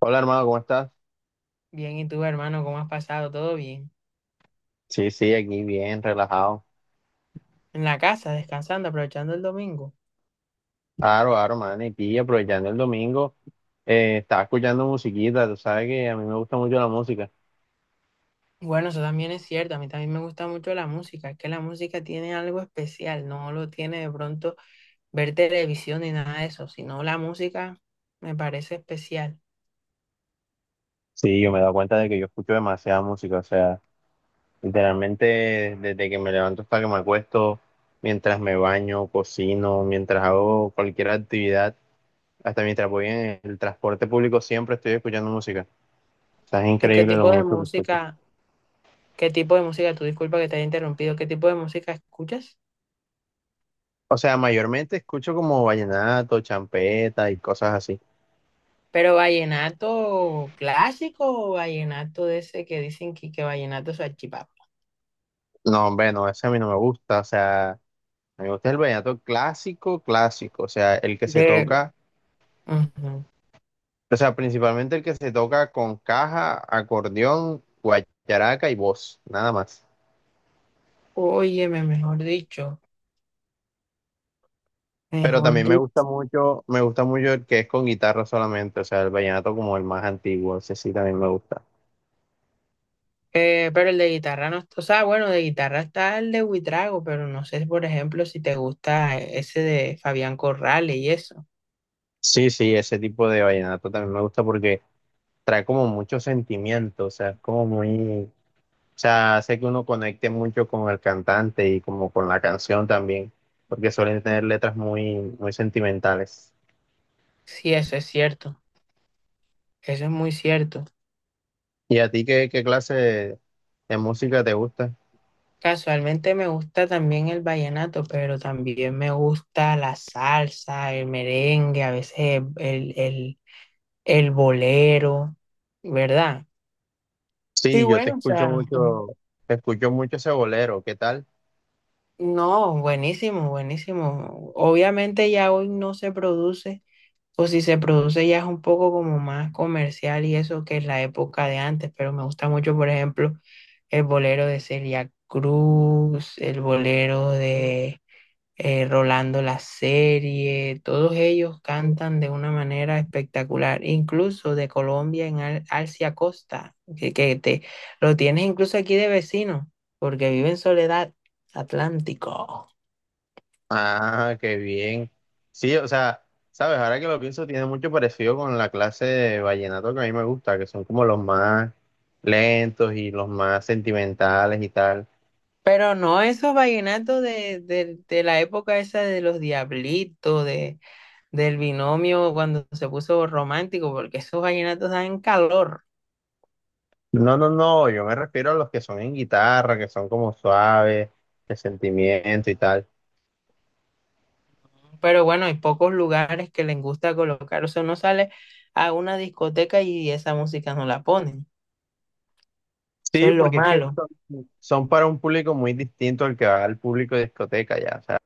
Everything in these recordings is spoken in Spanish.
Hola hermano, ¿cómo estás? Bien, ¿y tú, hermano, cómo has pasado? ¿Todo bien? Sí, sí, aquí bien, relajado. En la casa, descansando, aprovechando el domingo. Claro, claro, man, y pilla, aprovechando el domingo, estaba escuchando musiquita, tú sabes que a mí me gusta mucho la música. Bueno, eso también es cierto. A mí también me gusta mucho la música. Es que la música tiene algo especial. No lo tiene de pronto ver televisión ni nada de eso, sino la música me parece especial. Sí, yo me he dado cuenta de que yo escucho demasiada música, o sea, literalmente desde que me levanto hasta que me acuesto, mientras me baño, cocino, mientras hago cualquier actividad, hasta mientras voy en el transporte público, siempre estoy escuchando música. O sea, es ¿Qué increíble lo tipo de mucho que escucho. música, qué tipo de música, tú disculpa que te haya interrumpido, qué tipo de música escuchas? O sea, mayormente escucho como vallenato, champeta y cosas así. ¿Pero vallenato clásico o vallenato de ese que dicen que vallenato es salchipapa? No, hombre, no, ese a mí no me gusta. O sea, a mí me gusta el vallenato clásico, clásico. O sea, el que se De... toca, Ujú. o sea, principalmente el que se toca con caja, acordeón, guacharaca y voz, nada más. Óyeme, mejor dicho, Pero mejor también dicho. Me gusta mucho el que es con guitarra solamente. O sea, el vallenato como el más antiguo, ese sí también me gusta. Pero el de guitarra no está, o sea, bueno, de guitarra está el de Huitrago, pero no sé, por ejemplo, si te gusta ese de Fabián Corrales y eso. Sí, sí, ese tipo de vallenato también me gusta porque trae como mucho sentimiento. O sea, es como muy. O sea, hace que uno conecte mucho con el cantante y como con la canción también, porque suelen tener letras muy, muy sentimentales. Sí, eso es cierto, eso es muy cierto. ¿Y a ti qué, qué clase de música te gusta? Casualmente me gusta también el vallenato, pero también me gusta la salsa, el merengue, a veces el bolero, ¿verdad? Y Sí, yo bueno, o sea. Te escucho mucho ese bolero, ¿qué tal? No, buenísimo, buenísimo. Obviamente ya hoy no se produce, o si se produce ya es un poco como más comercial y eso que es la época de antes, pero me gusta mucho, por ejemplo, el bolero de Celia Cruz, el bolero de Rolando la Serie. Todos ellos cantan de una manera espectacular, incluso de Colombia en Al Alcia Costa, que te lo tienes incluso aquí de vecino, porque vive en Soledad Atlántico. Ah, qué bien. Sí, o sea, sabes, ahora que lo pienso, tiene mucho parecido con la clase de vallenato que a mí me gusta, que son como los más lentos y los más sentimentales y tal. Pero no esos vallenatos de la época esa de los diablitos, de, del binomio cuando se puso romántico, porque esos vallenatos dan calor. No, no, no, yo me refiero a los que son en guitarra, que son como suaves, de sentimiento y tal. Pero bueno, hay pocos lugares que les gusta colocar. O sea, uno sale a una discoteca y esa música no la ponen. Eso es Sí, lo porque es que malo. son, son para un público muy distinto al que va al público de discoteca ya. O sea,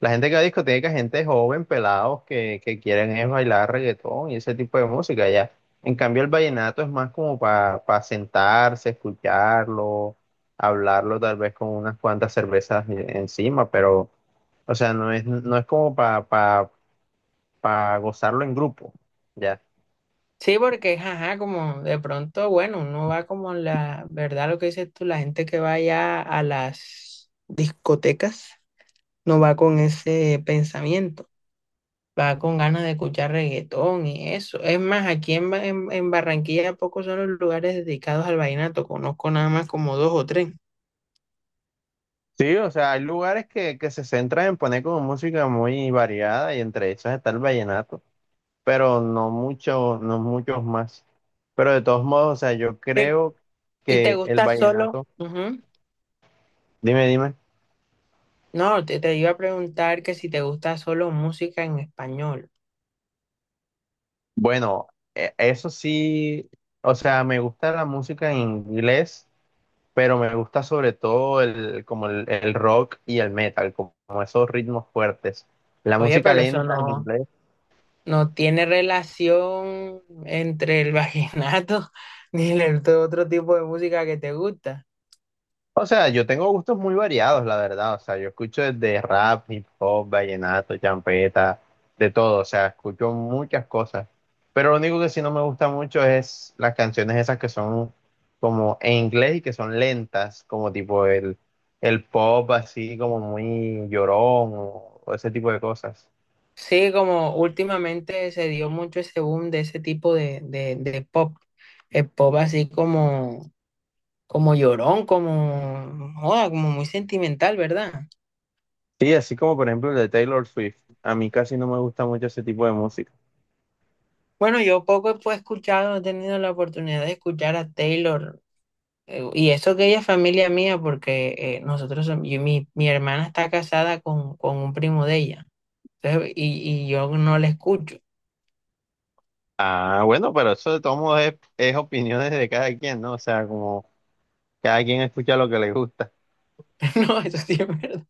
la gente que va a discoteca, es gente joven, pelados, que quieren es bailar reggaetón y ese tipo de música ya. En cambio, el vallenato es más como para sentarse, escucharlo, hablarlo tal vez con unas cuantas cervezas encima, pero... O sea, no es, no es como para gozarlo en grupo, ya. Sí, porque ajá, como de pronto, bueno, uno va como la verdad, lo que dices tú, la gente que va allá a las discotecas no va con ese pensamiento. Va con ganas de escuchar reggaetón y eso. Es más, aquí en Barranquilla pocos son los lugares dedicados al vallenato, conozco nada más como dos o tres. Sí, o sea, hay lugares que se centran en poner como música muy variada y entre esas está el vallenato, pero no muchos, no muchos más. Pero de todos modos, o sea, yo Eh, creo ¿Y te que el gusta solo? vallenato, Ujú. dime, dime. No, te iba a preguntar que si te gusta solo música en español. Bueno, e- eso sí, o sea, me gusta la música en inglés, pero me gusta sobre todo el, como el rock y el metal, como, como esos ritmos fuertes. La Oye, música pero eso lenta en inglés. no tiene relación entre el vallenato ni el otro tipo de música que te gusta. O sea, yo tengo gustos muy variados, la verdad. O sea, yo escucho desde rap, hip hop, vallenato, champeta, de todo. O sea, escucho muchas cosas. Pero lo único que sí no me gusta mucho es las canciones esas que son como en inglés y que son lentas, como tipo el pop así como muy llorón o ese tipo de cosas. Sí, como últimamente se dio mucho ese boom de ese tipo de pop, el pop así como, como llorón, como, joda, como muy sentimental, ¿verdad? Sí, así como por ejemplo el de Taylor Swift. A mí casi no me gusta mucho ese tipo de música. Bueno, yo poco he pues, escuchado, he tenido la oportunidad de escuchar a Taylor, y eso que ella es familia mía, porque nosotros, som- yo- mi hermana está casada con un primo de ella, entonces, y yo no la escucho. Ah, bueno, pero eso de todos modos es opiniones de cada quien, ¿no? O sea, como... Cada quien escucha lo que le gusta. No, eso sí es verdad.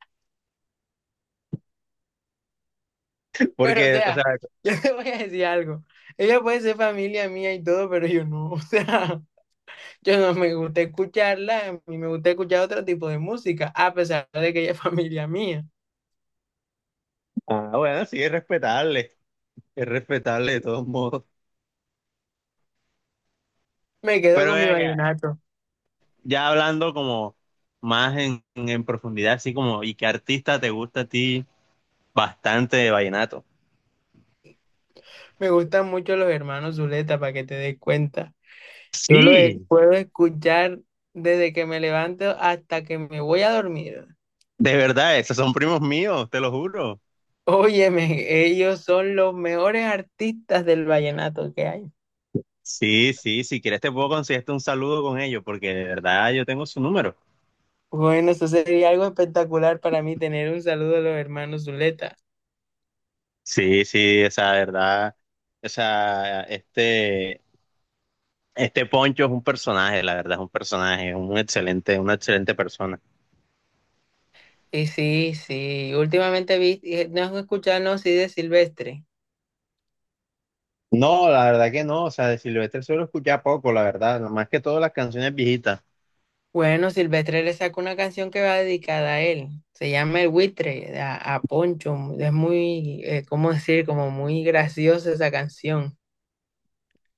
Pero, o Porque, o sea, sea, yo te voy a decir algo. Ella puede ser familia mía y todo, pero yo no. O sea, yo no me gusta escucharla, a mí me gusta escuchar otro tipo de música, a pesar de que ella es familia mía. ah, bueno, sí, es respetable. Es respetable de todos modos. Me quedo Pero con mi ven acá, vallenato. ya hablando como más en profundidad, así como, ¿y qué artista te gusta a ti bastante de vallenato? Me gustan mucho los hermanos Zuleta, para que te des cuenta. Yo los e- Sí, puedo escuchar desde que me levanto hasta que me voy a dormir. de verdad, esos son primos míos, te lo juro. Óyeme, ellos son los mejores artistas del vallenato que hay. Sí, sí, si quieres te puedo conseguirte un saludo con ellos, porque de verdad yo tengo su número. Bueno, eso sería algo espectacular para mí tener un saludo de los hermanos Zuleta. Sí, sí, o sea, de verdad, o sea, este Poncho es un personaje, la verdad, es un personaje, es un excelente, una excelente persona. Y sí, sí, últimamente vi, no escucharnos sí de Silvestre. No, la verdad que no, o sea, de Silvestre solo escuchaba poco, la verdad, más que todas las canciones viejitas. Bueno, Silvestre le sacó una canción que va dedicada a él. Se llama El Buitre, a Poncho. Es muy, ¿cómo decir? Como muy graciosa esa canción.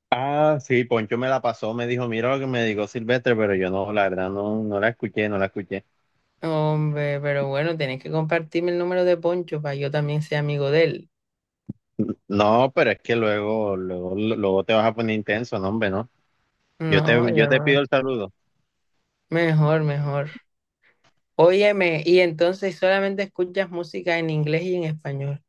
Ah, sí, Poncho me la pasó, me dijo, mira lo que me dijo Silvestre, pero yo no, la verdad, no, no la escuché, no la escuché. Hombre, pero bueno, tenés que compartirme el número de Poncho para yo también sea amigo de él. No, pero es que luego, luego, luego te vas a poner intenso, no, hombre, no. No, Yo yo te pido no. el saludo. Mejor, mejor. Óyeme, y entonces solamente escuchas música en inglés y en español.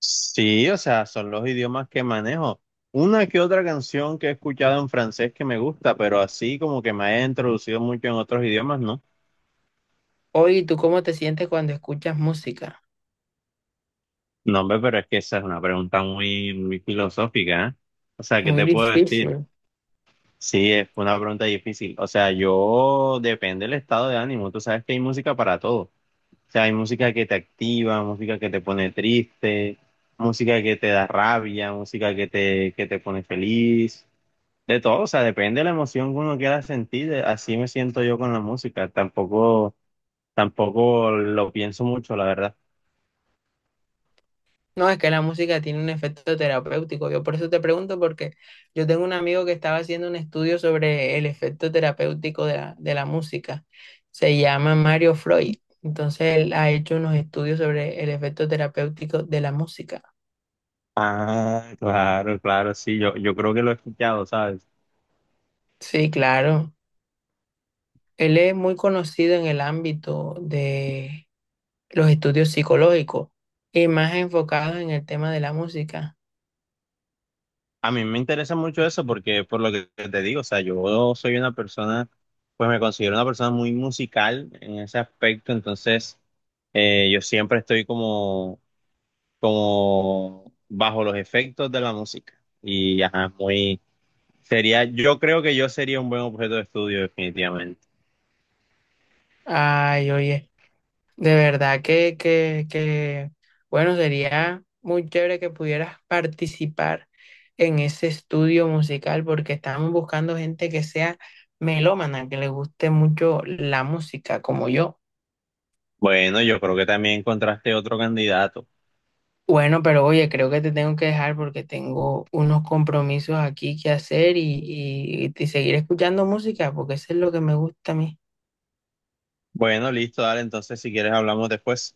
Sí, o sea, son los idiomas que manejo. Una que otra canción que he escuchado en francés que me gusta, pero así como que me haya introducido mucho en otros idiomas, ¿no? Oye, ¿tú cómo te sientes cuando escuchas música? No, hombre, pero es que esa es una pregunta muy, muy filosófica, O sea, ¿qué Muy te puedo decir? difícil. Sí, es una pregunta difícil. O sea, yo depende del estado de ánimo. Tú sabes que hay música para todo. O sea, hay música que te activa, música que te pone triste, música que te da rabia, música que te pone feliz. De todo, o sea, depende de la emoción que uno quiera sentir, de- así me siento yo con la música, tampoco, tampoco lo pienso mucho, la verdad. No, es que la música tiene un efecto terapéutico. Yo por eso te pregunto, porque yo tengo un amigo que estaba haciendo un estudio sobre el efecto terapéutico de la música. Se llama Mario Freud. Entonces él ha hecho unos estudios sobre el efecto terapéutico de la música. Ah, claro, claro, sí, yo creo que lo he escuchado, ¿sabes? Sí, claro. Él es muy conocido en el ámbito de los estudios psicológicos y más enfocados en el tema de la música. A mí me interesa mucho eso porque, por lo que te digo, o sea, yo soy una persona, pues me considero una persona muy musical en ese aspecto, entonces yo siempre estoy como, como bajo los efectos de la música y, ajá, muy... Sería, yo creo que yo sería un buen objeto de estudio, definitivamente. Ay, oye, de verdad bueno, sería muy chévere que pudieras participar en ese estudio musical porque estamos buscando gente que sea melómana, que le guste mucho la música, como yo. Bueno, yo creo que también encontraste otro candidato. Bueno, pero oye, creo que te tengo que dejar porque tengo unos compromisos aquí que hacer y y seguir escuchando música porque eso es lo que me gusta a mí. Bueno, listo, dale, entonces si quieres hablamos después.